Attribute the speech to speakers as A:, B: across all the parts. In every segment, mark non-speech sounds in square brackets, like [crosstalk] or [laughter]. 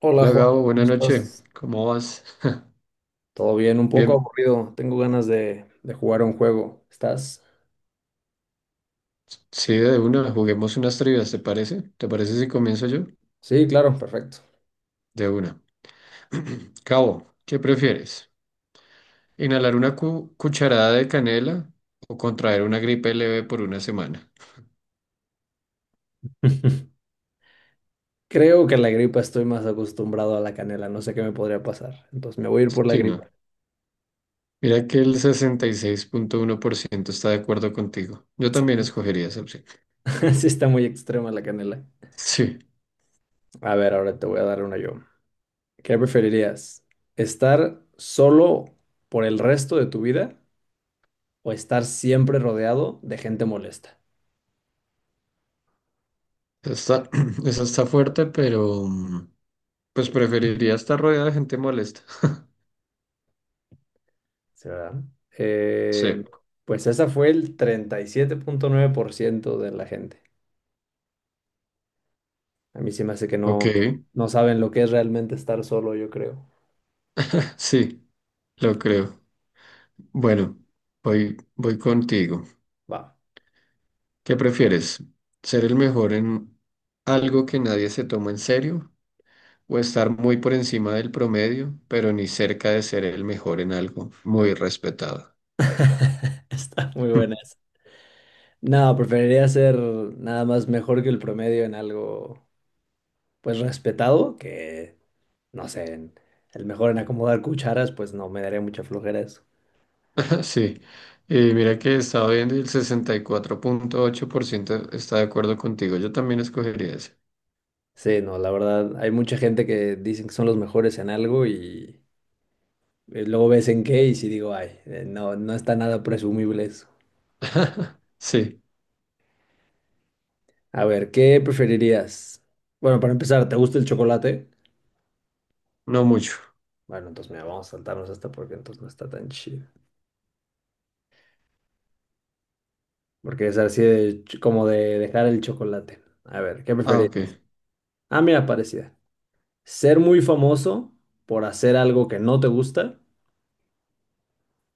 A: Hola
B: Hola
A: Juan,
B: Gabo,
A: ¿cómo
B: buenas noches.
A: estás?
B: ¿Cómo vas?
A: ¿Todo bien? Un
B: [laughs]
A: poco
B: Bien,
A: aburrido. Tengo ganas de jugar un juego. ¿Estás?
B: sí, de una, juguemos unas trivias, ¿te parece? ¿Te parece si comienzo yo?
A: Sí, claro, perfecto.
B: De una. [clears throat] Gabo, ¿qué prefieres? ¿Inhalar una cucharada de canela o contraer una gripe leve por una semana?
A: [laughs] Creo que en la gripa estoy más acostumbrado a la canela. No sé qué me podría pasar. Entonces me voy a ir por la
B: Sí, no.
A: gripa.
B: Mira que el 66.1% está de acuerdo contigo. Yo también
A: [laughs]
B: escogería esa opción.
A: Sí, está muy extrema la canela.
B: Sí,
A: A ver, ahora te voy a dar una yo. ¿Qué preferirías? ¿Estar solo por el resto de tu vida o estar siempre rodeado de gente molesta?
B: está, [clears throat] esa está fuerte, pero pues preferiría estar rodeada de gente molesta. [laughs]
A: Sí, ¿verdad?
B: Sí,
A: Eh, pues esa fue el 37.9% de la gente. A mí sí me hace que
B: ok,
A: no, no saben lo que es realmente estar solo, yo creo.
B: [clears throat] sí. Lo creo. Bueno, voy contigo.
A: Va.
B: ¿Qué prefieres? ¿Ser el mejor en algo que nadie se toma en serio? ¿O estar muy por encima del promedio, pero ni cerca de ser el mejor en algo muy respetado?
A: [laughs] Está muy buena
B: [laughs]
A: esa. No, preferiría ser nada más mejor que el promedio en algo, pues respetado, que no sé, el mejor en acomodar cucharas, pues no, me daría mucha flojera eso.
B: Sí. Y mira que estaba viendo y el 64.8% está de acuerdo contigo. Yo también escogería ese.
A: Sí, no, la verdad, hay mucha gente que dicen que son los mejores en algo y luego ves en qué y si digo, ay, no, no está nada presumible eso.
B: [laughs] Sí,
A: A ver, ¿qué preferirías? Bueno, para empezar, ¿te gusta el chocolate?
B: no mucho.
A: Bueno, entonces mira, vamos a saltarnos esta porque entonces no está tan chido. Porque es así de como de dejar el chocolate. A ver, ¿qué
B: Ah, ok.
A: preferirías? Ah, mira, parecida. ¿Ser muy famoso por hacer algo que no te gusta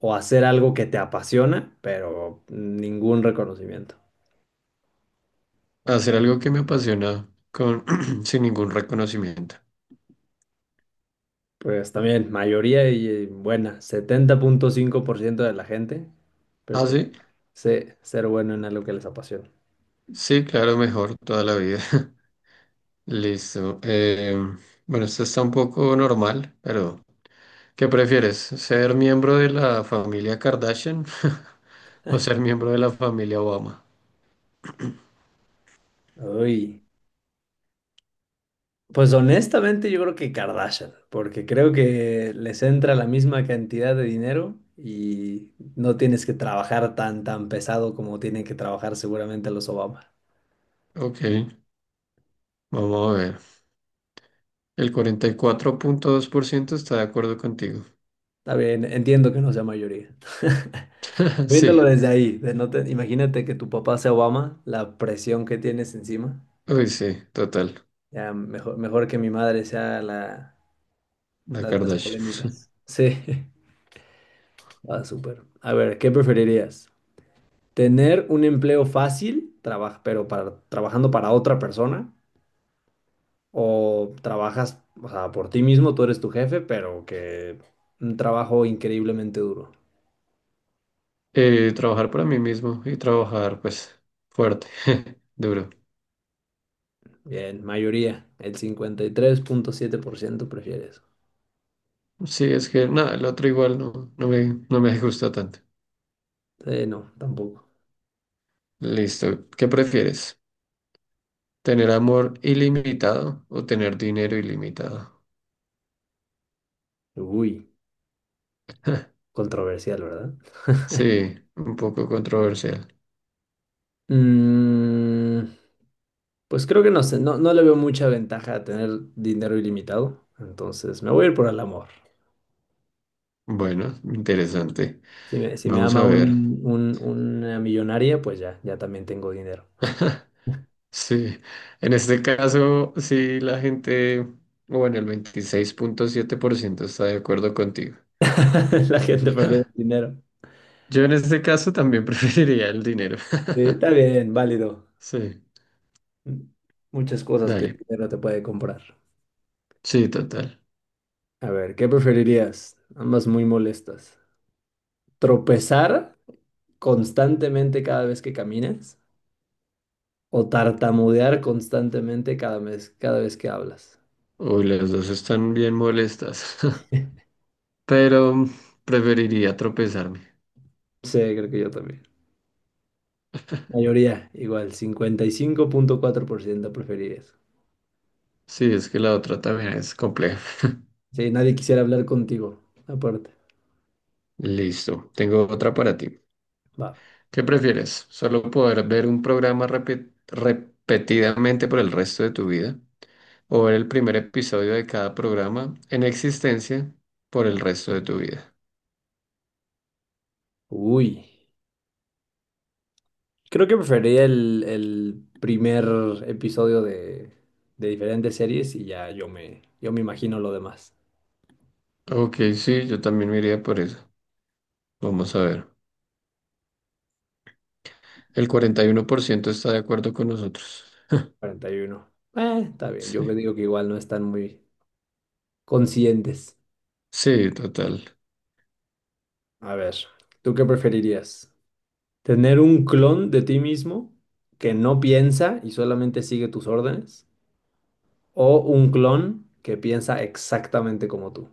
A: o hacer algo que te apasiona, pero ningún reconocimiento?
B: Hacer algo que me apasiona con [clears throat] sin ningún reconocimiento.
A: Pues también, mayoría y buena, 70.5% de la gente.
B: Ah, sí.
A: Sí, ser bueno en algo que les apasiona.
B: Sí, claro, mejor toda la vida. [laughs] Listo. Bueno, esto está un poco normal, pero ¿qué prefieres? ¿Ser miembro de la familia Kardashian [laughs] o ser miembro de la familia Obama?
A: Uy, pues honestamente yo creo que Kardashian, porque creo que les entra la misma cantidad de dinero y no tienes que trabajar tan, tan pesado como tienen que trabajar seguramente los Obama.
B: Ok, vamos a ver. El 44.2% está de acuerdo contigo.
A: Está bien, entiendo que no sea mayoría. [laughs]
B: [laughs]
A: Viéndolo
B: Sí,
A: desde ahí, de no te- imagínate que tu papá sea Obama, la presión que tienes encima.
B: uy, sí, total.
A: Ya mejor, mejor que mi madre sea la,
B: La
A: la de las
B: Kardashian.
A: polémicas.
B: [laughs]
A: Sí, [laughs] ah, súper. A ver, ¿qué preferirías? Tener un empleo fácil, pero trabajando para otra persona, o trabajas, o sea, por ti mismo, tú eres tu jefe, pero que un trabajo increíblemente duro.
B: Trabajar para mí mismo y trabajar, pues, fuerte, [laughs] duro.
A: Bien, mayoría, el 53.7% prefiere eso.
B: Sí, es que nada, el otro igual no, no me gusta tanto.
A: Sí, no, tampoco.
B: Listo. ¿Qué prefieres? ¿Tener amor ilimitado o tener dinero ilimitado?
A: Uy, controversial, ¿verdad?
B: Sí, un poco controversial.
A: Mm, pues creo que no sé, no, no le veo mucha ventaja a tener dinero ilimitado, entonces me voy a ir por el amor.
B: Bueno, interesante.
A: Si me
B: Vamos
A: ama
B: a ver.
A: una millonaria, pues ya, ya también tengo dinero.
B: [laughs] Sí, en este caso, sí, la gente, bueno, el 26.7% está de acuerdo contigo.
A: [laughs] La gente prefiere el dinero.
B: Yo en este caso también [laughs] preferiría el dinero.
A: Está
B: [laughs]
A: bien, válido.
B: Sí,
A: Muchas cosas que el
B: dale.
A: dinero te puede comprar.
B: Sí, total.
A: A ver, ¿qué preferirías? Ambas muy molestas. ¿Tropezar constantemente cada vez que caminas? ¿O tartamudear constantemente cada vez que hablas?
B: Uy, las dos están bien molestas,
A: [laughs]
B: [laughs] pero preferiría tropezarme.
A: Sí, creo que yo también. Mayoría, igual, 55.4% preferirías.
B: Sí, es que la otra también es compleja. [laughs]
A: Sí, nadie quisiera hablar contigo, aparte.
B: Listo, tengo otra para ti.
A: Va.
B: ¿Qué prefieres? ¿Solo poder ver un programa repetidamente por el resto de tu vida? ¿O ver el primer episodio de cada programa en existencia por el resto de tu vida?
A: Uy. Creo que preferiría el primer episodio de diferentes series y ya yo me imagino lo demás.
B: Ok, sí, yo también me iría por eso. Vamos a ver. El 41% está de acuerdo con nosotros.
A: 41. Está bien. Yo me
B: Sí,
A: digo que igual no están muy conscientes.
B: sí, total.
A: A ver, ¿tú qué preferirías? ¿Tener un clon de ti mismo que no piensa y solamente sigue tus órdenes? ¿O un clon que piensa exactamente como tú?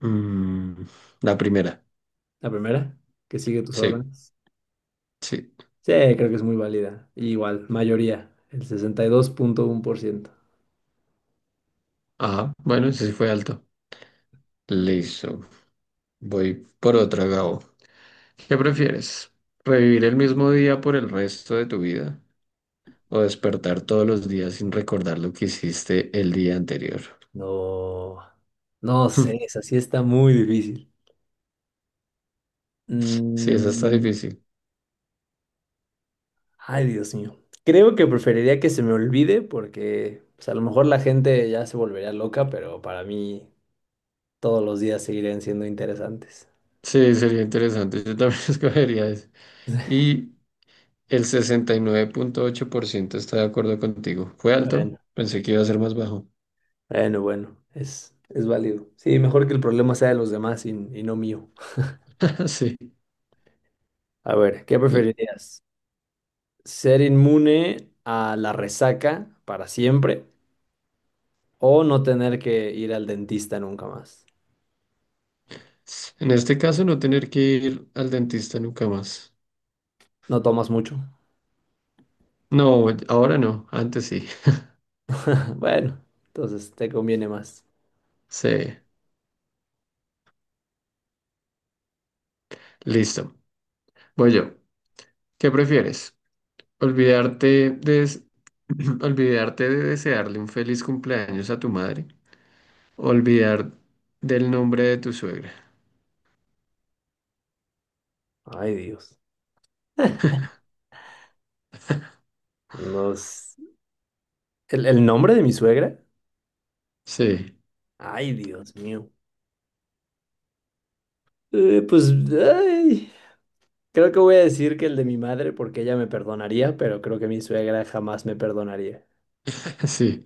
B: Mm, la primera.
A: La primera, que sigue tus
B: Sí,
A: órdenes.
B: sí.
A: Sí, creo que es muy válida. Igual, mayoría, el 62.1%.
B: Ah, bueno, ese sí fue alto. Listo. Voy por otra, Gabo. ¿Qué prefieres? ¿Revivir el mismo día por el resto de tu vida o despertar todos los días sin recordar lo que hiciste el día anterior? [laughs]
A: No, no
B: Hmm,
A: sé, esa sí está muy difícil.
B: sí, esa está
A: Mm,
B: difícil.
A: ay, Dios mío. Creo que preferiría que se me olvide porque pues, a lo mejor la gente ya se volvería loca, pero para mí todos los días seguirían siendo interesantes.
B: Sí, sería interesante. Yo también [laughs] escogería eso. Y el 69.8% está de acuerdo contigo. Fue alto,
A: Bueno,
B: pensé que iba a ser más bajo.
A: bueno, bueno, es válido. Sí, mejor que el problema sea de los demás y no mío.
B: [laughs] Sí.
A: A ver, ¿qué preferirías? ¿Ser inmune a la resaca para siempre o no tener que ir al dentista nunca más?
B: En este caso, no tener que ir al dentista nunca más.
A: No tomas mucho.
B: No, ahora no, antes sí.
A: [laughs] Bueno, entonces te conviene más.
B: [laughs] Sí, listo. Voy yo. ¿Qué prefieres? ¿Olvidarte de, des- [clears throat] olvidarte de desearle un feliz cumpleaños a tu madre? ¿Olvidar del nombre de tu suegra?
A: Ay, Dios. [laughs] Nos... ¿el nombre de mi suegra?
B: Sí,
A: Ay, Dios mío. Pues, ay, creo que voy a decir que el de mi madre porque ella me perdonaría, pero creo que mi suegra jamás me perdonaría.
B: [laughs] sí.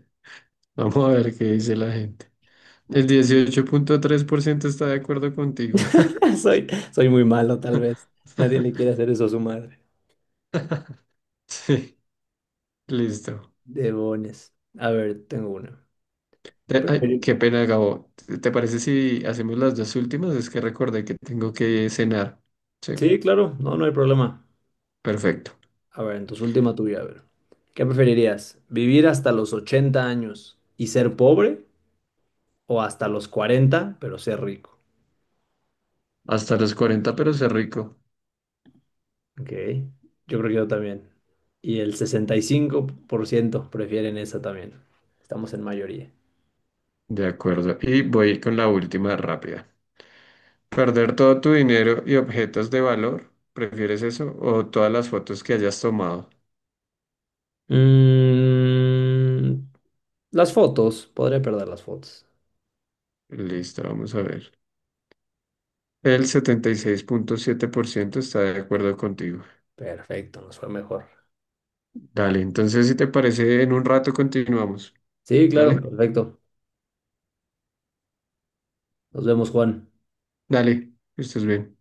B: Vamos a ver qué dice la gente. El 18.3% está de acuerdo contigo.
A: [laughs] Soy, soy muy malo, tal vez.
B: [laughs]
A: Nadie le quiere hacer eso a su madre.
B: Sí, listo.
A: Debones. A ver, tengo una.
B: Ay,
A: Preferir-
B: qué pena, Gabo. ¿Te parece si hacemos las dos últimas? Es que recordé que tengo que cenar. Sí,
A: Sí, claro, no, no hay problema.
B: perfecto.
A: A ver, entonces última tuya, a ver. ¿Qué preferirías? ¿Vivir hasta los 80 años y ser pobre o hasta los 40 pero ser rico?
B: Hasta los 40, pero sé rico.
A: Ok, yo creo que yo también. Y el 65% prefieren esa también. Estamos en mayoría.
B: De acuerdo. Y voy con la última rápida. ¿Perder todo tu dinero y objetos de valor? ¿Prefieres eso? ¿O todas las fotos que hayas tomado?
A: Mm, las fotos, podría perder las fotos.
B: Listo, vamos a ver. El 76.7% está de acuerdo contigo.
A: Perfecto, nos fue mejor.
B: Dale, entonces si te parece, en un rato continuamos.
A: Sí, claro,
B: Dale,
A: perfecto. Nos vemos, Juan.
B: dale, que estés bien.